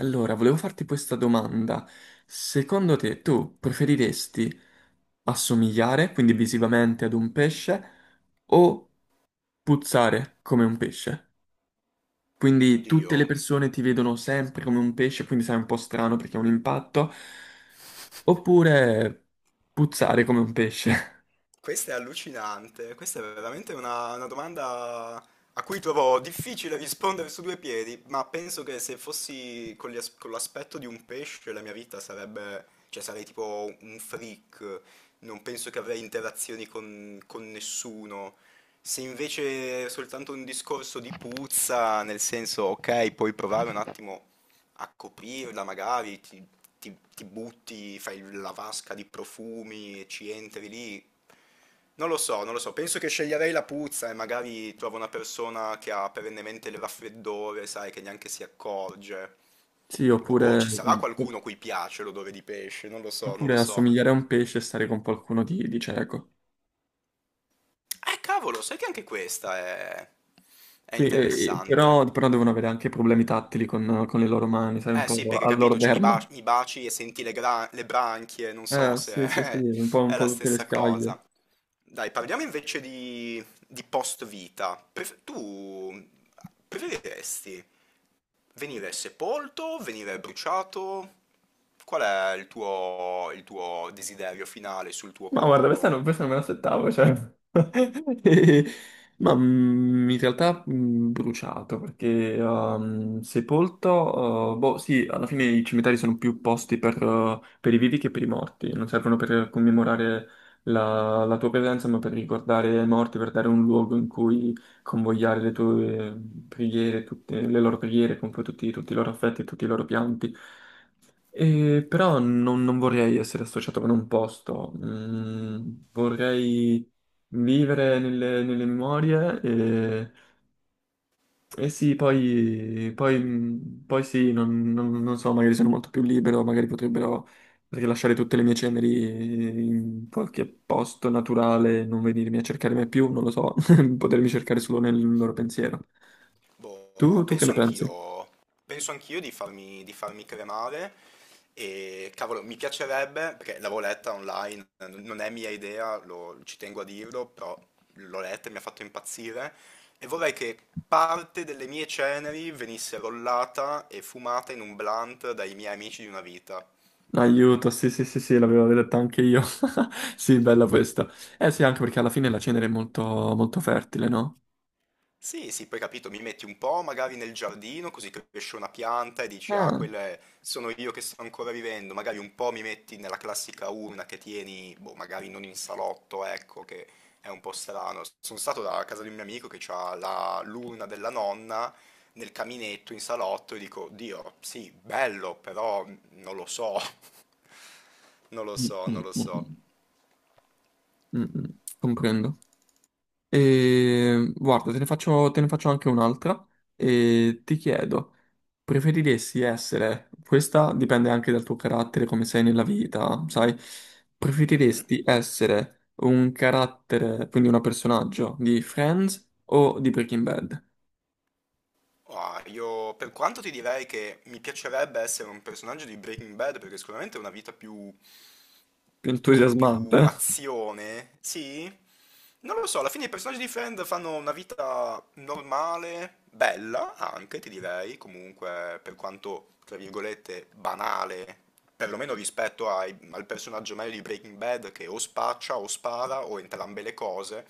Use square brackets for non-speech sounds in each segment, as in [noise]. Allora, volevo farti questa domanda. Secondo te, tu preferiresti assomigliare, quindi visivamente, ad un pesce o puzzare come un pesce? Mm. Quindi tutte le Oddio, persone ti vedono sempre come un pesce, quindi sei un po' strano perché è un impatto, oppure puzzare come un pesce? [laughs] questa è allucinante, questa è veramente una domanda a cui trovo difficile rispondere su due piedi, ma penso che se fossi con l'aspetto di un pesce la mia vita sarebbe, cioè sarei tipo un freak, non penso che avrei interazioni con nessuno. Se invece è soltanto un discorso di puzza, nel senso, ok, puoi provare un attimo a coprirla magari, ti butti, fai la vasca di profumi e ci entri lì. Non lo so, non lo so, penso che sceglierei la puzza e magari trovo una persona che ha perennemente il raffreddore, sai, che neanche si accorge. Sì, O boh, oppure, ci sarà qualcuno a cui piace l'odore di pesce, non lo so, non oppure lo so. assomigliare a un pesce e stare con qualcuno di cieco. Cavolo, sai che anche è Sì, interessante. però, però devono avere anche problemi tattili con le loro mani, sai, un Eh po' sì, perché capito, all'orderma. mi baci e senti le branchie, non so se Sì, sì, sì, [laughs] un è po' la tutte le stessa scaglie. cosa. Dai, parliamo invece di post-vita. Tu preferiresti venire sepolto, venire bruciato? Qual è il tuo desiderio finale sul tuo Ma guarda, corpo? Questa non me l'aspettavo, cioè... [laughs] E- Ma in realtà bruciato, perché sepolto... boh, sì, alla fine i cimiteri sono più posti per i vivi che per i morti. Non servono per commemorare la tua presenza, ma per ricordare i morti, per dare un luogo in cui convogliare le tue preghiere, tutte le loro preghiere, con poi tutti i loro affetti, tutti i loro pianti. Però non vorrei essere associato con un posto. Mm, vorrei vivere nelle memorie e sì, poi, poi sì, non so, magari sono molto più libero, magari potrebbero rilasciare tutte le mie ceneri in qualche posto naturale, non venirmi a cercare mai più, non lo so, [laughs] potermi cercare solo [laughs] nel loro pensiero. Boh, Tu che ne pensi? Penso anch'io di di farmi cremare e cavolo, mi piacerebbe, perché l'avevo letta online, non è mia idea, ci tengo a dirlo, però l'ho letta e mi ha fatto impazzire e vorrei che parte delle mie ceneri venisse rollata e fumata in un blunt dai miei amici di una vita. Aiuto, sì, sì, sì, sì, l'avevo detto anche io. [laughs] Sì, bella questa. Eh sì, anche perché alla fine la cenere è molto fertile, no? Sì, sì, poi capito, mi metti un po' magari nel giardino, così cresce una pianta e dici, ah, Ah, sono io che sto ancora vivendo. Magari un po' mi metti nella classica urna che tieni, boh, magari non in salotto, ecco, che è un po' strano. Sono stato da casa di un mio amico che ha l'urna della nonna nel caminetto in salotto e dico, Dio, sì, bello, però non lo so, [laughs] non lo mm, so, non mm, lo so. mm, mm, mm, mm, comprendo. E, guarda, te ne faccio anche un'altra e ti chiedo, preferiresti essere, questa dipende anche dal tuo carattere, come sei nella vita, sai? Mhm. Preferiresti essere un carattere, quindi un personaggio di Friends o di Breaking Bad? Ah, io per quanto ti direi che mi piacerebbe essere un personaggio di Breaking Bad perché sicuramente è una vita più Più con più entusiasmante. azione, sì? Non lo so, alla fine i personaggi di Friend fanno una vita normale, bella anche, ti direi, comunque per quanto, tra virgolette, banale, perlomeno rispetto al personaggio medio di Breaking Bad che o spaccia o spara o entrambe le cose.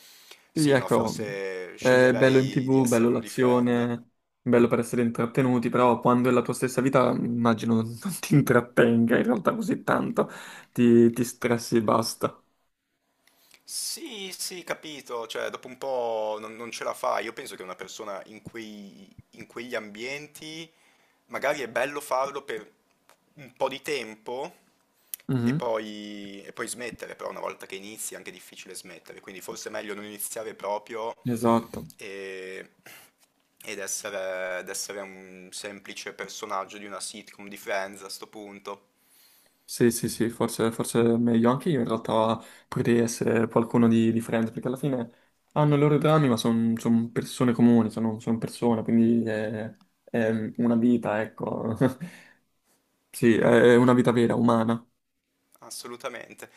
Sì, Sì, no, ecco, forse è bello in sceglierei di TV, essere bello uno di Friend. l'azione, bello per essere intrattenuti, però quando è la tua stessa vita, immagino [laughs] non ti intrattenga in realtà così tanto, ti stressi e basta. Sì, sì, capito, cioè dopo un po' non ce la fa. Io penso che una persona in in quegli ambienti magari è bello farlo per un po' di tempo Mhm. E poi smettere, però una volta che inizi è anche difficile smettere, quindi forse è meglio non iniziare proprio Esatto, e- ed essere un semplice personaggio di una sitcom di Friends a sto punto. sì, sì, sì, forse, forse è meglio anche io in realtà potrei essere qualcuno di Friends, perché alla fine hanno i loro drammi, ma sono persone comuni, sono persone, quindi è una vita, ecco, [laughs] sì, è una vita vera, umana. Assolutamente.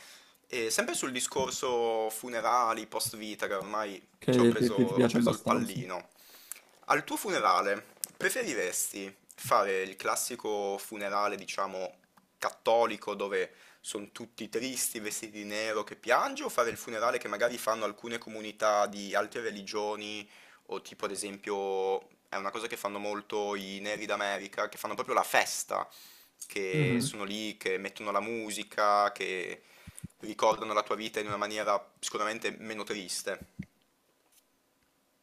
E sempre sul discorso funerali, post vita, che ormai ci Che ti, ti ho piace preso il abbastanza. pallino. Al tuo funerale, preferiresti fare il classico funerale, diciamo, cattolico, dove sono tutti tristi, vestiti di nero, che piange, o fare il funerale che magari fanno alcune comunità di altre religioni, o tipo, ad esempio, è una cosa che fanno molto i neri d'America, che fanno proprio la festa che Mhm. sono lì, che mettono la musica, che ricordano la tua vita in una maniera sicuramente meno triste.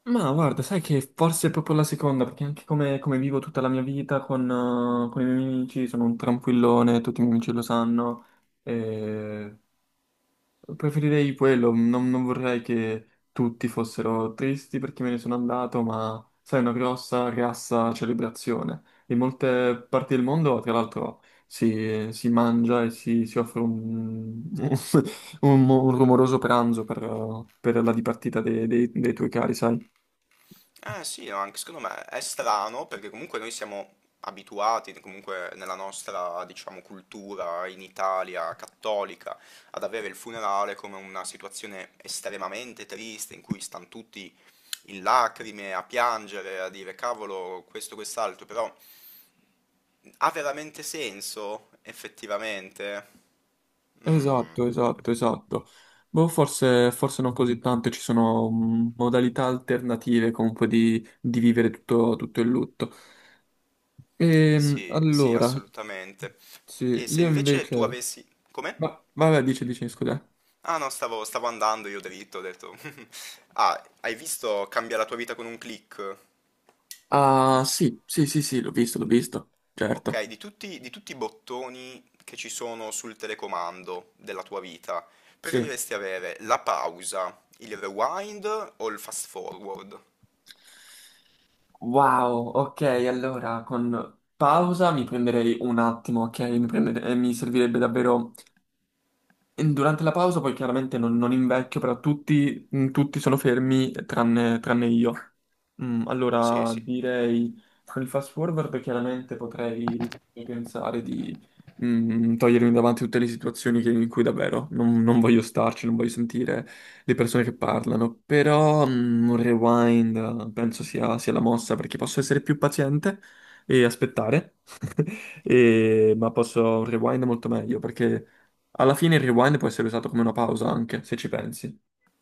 Ma guarda, sai che forse è proprio la seconda, perché anche come, come vivo tutta la mia vita con i miei amici, sono un tranquillone, tutti i miei amici lo sanno. Preferirei quello, non vorrei che tutti fossero tristi perché me ne sono andato, ma sai, una grossa, grassa celebrazione. In molte parti del mondo, tra l'altro, si mangia e si offre un, [laughs] un rumoroso pranzo per la dipartita dei tuoi cari, sai? Eh sì, no, anche secondo me è strano perché comunque noi siamo abituati, comunque nella nostra, diciamo, cultura in Italia cattolica, ad avere il funerale come una situazione estremamente triste in cui stanno tutti in lacrime, a piangere, a dire cavolo, questo, quest'altro, però ha veramente senso effettivamente? Mm. Esatto, esatto, esatto. Boh, forse, forse non così tanto, ci sono modalità alternative comunque di vivere tutto il lutto. Sì, sì, Allora, assolutamente. sì, E se io invece tu invece... avessi... Come? Ma, vabbè, dice, dice, scusa. Ah no, stavo andando io dritto, ho detto... [laughs] Ah, hai visto Cambia la tua vita con un click? Il Ah, fi- sì, sì, sì, sì, l'ho visto, Ok, certo. Di tutti i bottoni che ci sono sul telecomando della tua vita, Sì. preferiresti avere la pausa, il rewind o il fast forward? Wow, ok, allora con pausa mi prenderei un attimo, ok? Mi servirebbe davvero... Durante la pausa poi chiaramente non invecchio, però tutti, tutti sono fermi tranne io. Sì, Allora, sì. direi con il fast forward chiaramente potrei pensare di togliermi davanti tutte le situazioni in cui davvero non voglio starci, non voglio sentire le persone che parlano, però un rewind penso sia la mossa perché posso essere più paziente e aspettare, [laughs] ma posso un rewind è molto meglio perché alla fine il rewind può essere usato come una pausa anche, se ci pensi.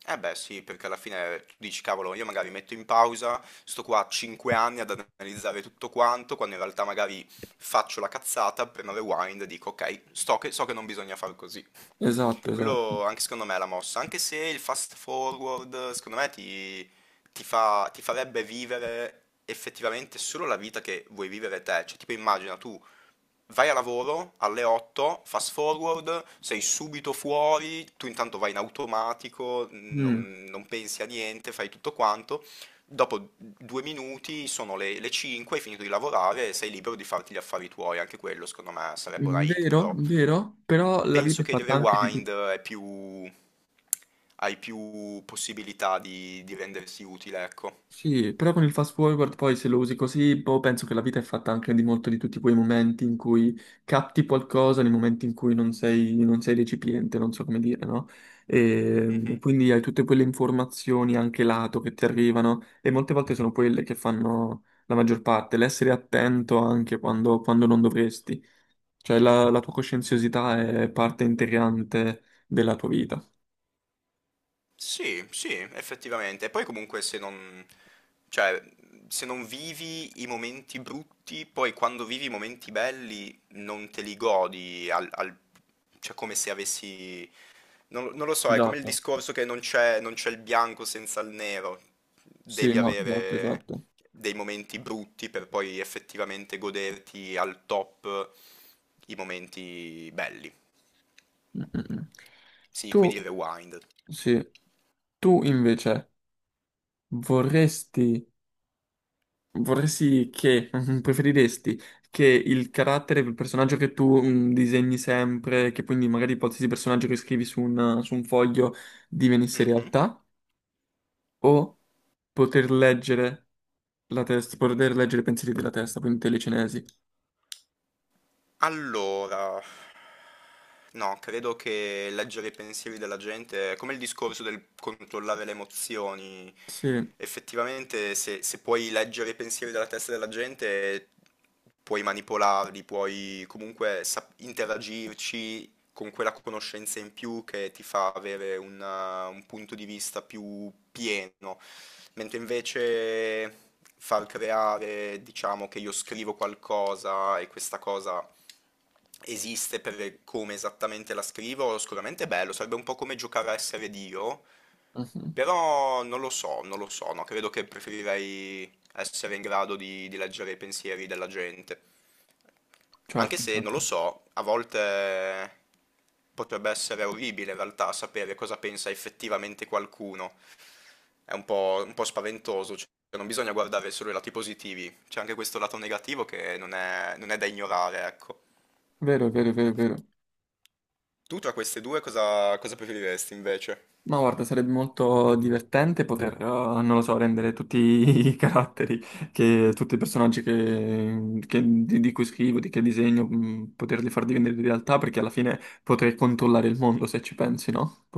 Eh beh, sì, perché alla fine tu dici, cavolo, io magari metto in pausa, sto qua 5 anni ad analizzare tutto quanto, quando in realtà magari faccio la cazzata, premo rewind e dico, ok, so che non bisogna far così. Esatto, esatto. Quello anche secondo me è la mossa, anche se il fast forward secondo me ti farebbe vivere effettivamente solo la vita che vuoi vivere te. Cioè, tipo immagina tu vai a lavoro alle 8, fast forward, sei subito fuori, tu intanto vai in automatico, Mm. Non pensi a niente, fai tutto quanto. Dopo due minuti sono le 5, hai finito di lavorare e sei libero di farti gli affari tuoi. Anche quello, secondo me, sarebbe una hit, Vero, però vero, però la vita penso è che il fatta anche di tutti. rewind è più hai più possibilità di rendersi utile, ecco. Sì, però con il fast forward poi se lo usi così, boh, penso che la vita è fatta anche di molto di tutti quei momenti in cui capti qualcosa, nei momenti in cui non sei recipiente, non so come dire, no? E Mhm. quindi hai tutte quelle informazioni anche lato che ti arrivano e molte volte sono quelle che fanno la maggior parte, l'essere attento anche quando non dovresti. Cioè la tua coscienziosità è parte integrante della tua vita. Sì, sì, effettivamente. E poi comunque cioè, se non vivi i momenti brutti, poi quando vivi i momenti belli non te li godi, cioè come se avessi... Non, non lo so, è come il Esatto. discorso che non c'è il bianco senza il nero. Sì, Devi no, esatto, avere esatto. dei momenti brutti per poi effettivamente goderti al top i momenti belli. Mm, mm, mm. Sì, quindi Tu, il rewind. sì, tu invece vorresti, vorresti che, [laughs] preferiresti che il carattere, il personaggio che tu disegni sempre, che quindi magari qualsiasi personaggio che scrivi su un foglio divenisse Mhm. realtà, o poter leggere la testa, poter leggere i pensieri della testa, quindi telecinesi? Allora, no, credo che leggere i pensieri della gente è come il discorso del controllare le emozioni. Sì. Effettivamente, se puoi leggere i pensieri della testa della gente, puoi manipolarli, puoi comunque interagirci, con quella conoscenza in più che ti fa avere un punto di vista più pieno, mentre invece far creare, diciamo che io scrivo qualcosa e questa cosa esiste per come esattamente la scrivo, sicuramente è bello, sarebbe un po' come giocare a essere Dio, Mhm. però non lo so, non lo so, no, credo che preferirei essere in grado di leggere i pensieri della gente. Anche Certo, se, non lo certo. so, a volte potrebbe essere orribile in realtà sapere cosa pensa effettivamente qualcuno. È un po' spaventoso, cioè non bisogna guardare solo i lati positivi, c'è anche questo lato negativo che non è da ignorare, ecco. Vero, vero, vero, vero. Tu tra queste due cosa, cosa preferiresti invece? Ma guarda, sarebbe molto divertente poter, non lo so, rendere tutti [laughs] i caratteri, che, tutti i personaggi di cui scrivo, di che disegno, poterli far diventare realtà, perché alla fine potrei controllare il mondo, se ci pensi, no? [laughs]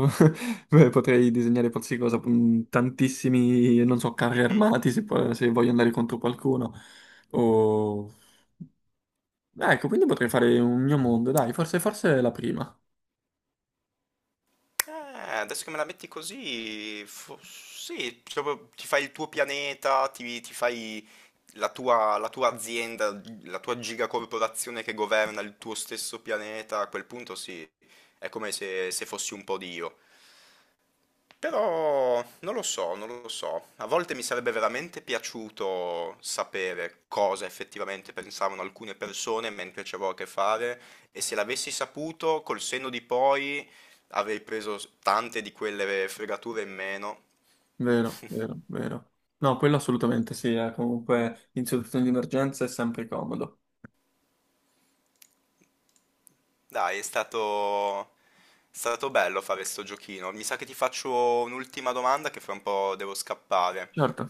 Beh, potrei disegnare qualsiasi cosa, tantissimi, non so, carri Mhm. armati, se, se voglio andare contro qualcuno. O... Ecco, quindi potrei fare un mio mondo, dai, forse, forse è la prima. Eh, adesso che me la metti così, sì, proprio ti fai il tuo pianeta, ti fai la tua azienda, la tua gigacorporazione che governa il tuo stesso pianeta, a quel punto sì, è come se fossi un po' Dio. Però non lo so, non lo so. A volte mi sarebbe veramente piaciuto sapere cosa effettivamente pensavano alcune persone mentre ci avevo a che fare e se l'avessi saputo, col senno di poi avrei preso tante di quelle fregature in meno. Vero, vero, [laughs] vero. No, quello assolutamente sì, comunque in situazioni di emergenza è sempre comodo. Dai, è stato bello fare sto giochino. Mi sa che ti faccio un'ultima domanda che fra un po' devo scappare. Certo.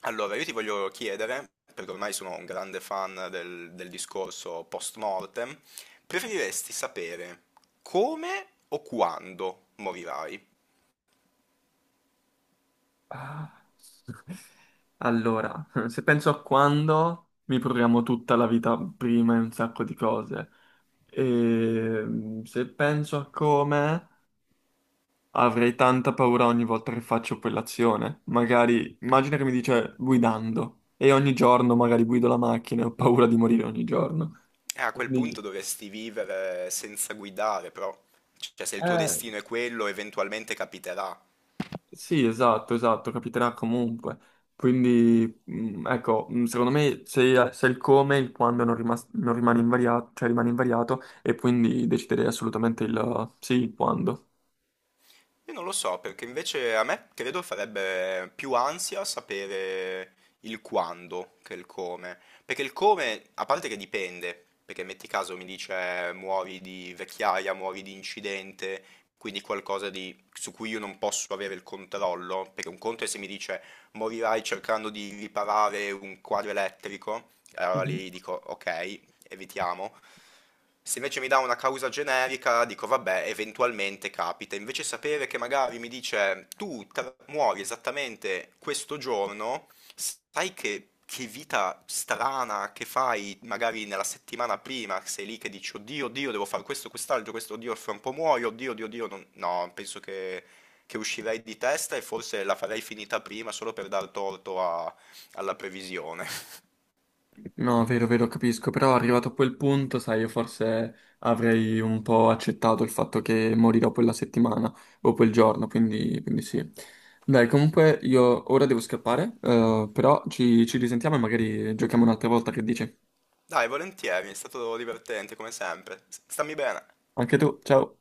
Allora, io ti voglio chiedere, perché ormai sono un grande fan del discorso post mortem, preferiresti sapere come o quando morirai? Ah. [laughs] Allora, se penso a quando mi programmo tutta la vita prima in un sacco di cose, e se penso a come avrei tanta paura ogni volta che faccio quell'azione. Magari, immagina che mi dice guidando, e ogni giorno magari guido la macchina e ho paura di morire ogni giorno. E a quel punto Quindi... dovresti vivere senza guidare, però, cioè se il tuo Eh, destino è quello, eventualmente capiterà. sì, esatto, esatto, capiterà comunque. Quindi, ecco, secondo me se, se il come, il quando non rimane invariato, cioè rimane invariato, e quindi deciderei assolutamente il sì, il quando. Io non lo so, perché invece a me credo farebbe più ansia sapere il quando che il come. Perché il come, a parte che dipende, perché metti caso mi dice muori di vecchiaia, muori di incidente, quindi qualcosa su cui io non posso avere il controllo, perché un conto è se mi dice morirai cercando di riparare un quadro elettrico, e allora Mhm. lì dico ok, evitiamo. Se invece mi dà una causa generica, dico vabbè, eventualmente capita. Invece sapere che magari mi dice muori esattamente questo giorno, sai che vita strana che fai magari nella settimana prima, sei lì che dici oddio, oddio, devo fare questo, quest'altro, questo, oddio, fra un po' muoio, oddio, oddio, oddio, no, penso che uscirei di testa e forse la farei finita prima solo per dar torto alla previsione. No, vero, vero, capisco, però arrivato a quel punto, sai, io forse avrei un po' accettato il fatto che morirò quella settimana o quel giorno, quindi, quindi sì. Dai, comunque io ora devo scappare, però ci risentiamo e magari giochiamo un'altra volta, che dici? Dai, volentieri, è stato divertente come sempre. Stammi bene. Anche tu, ciao!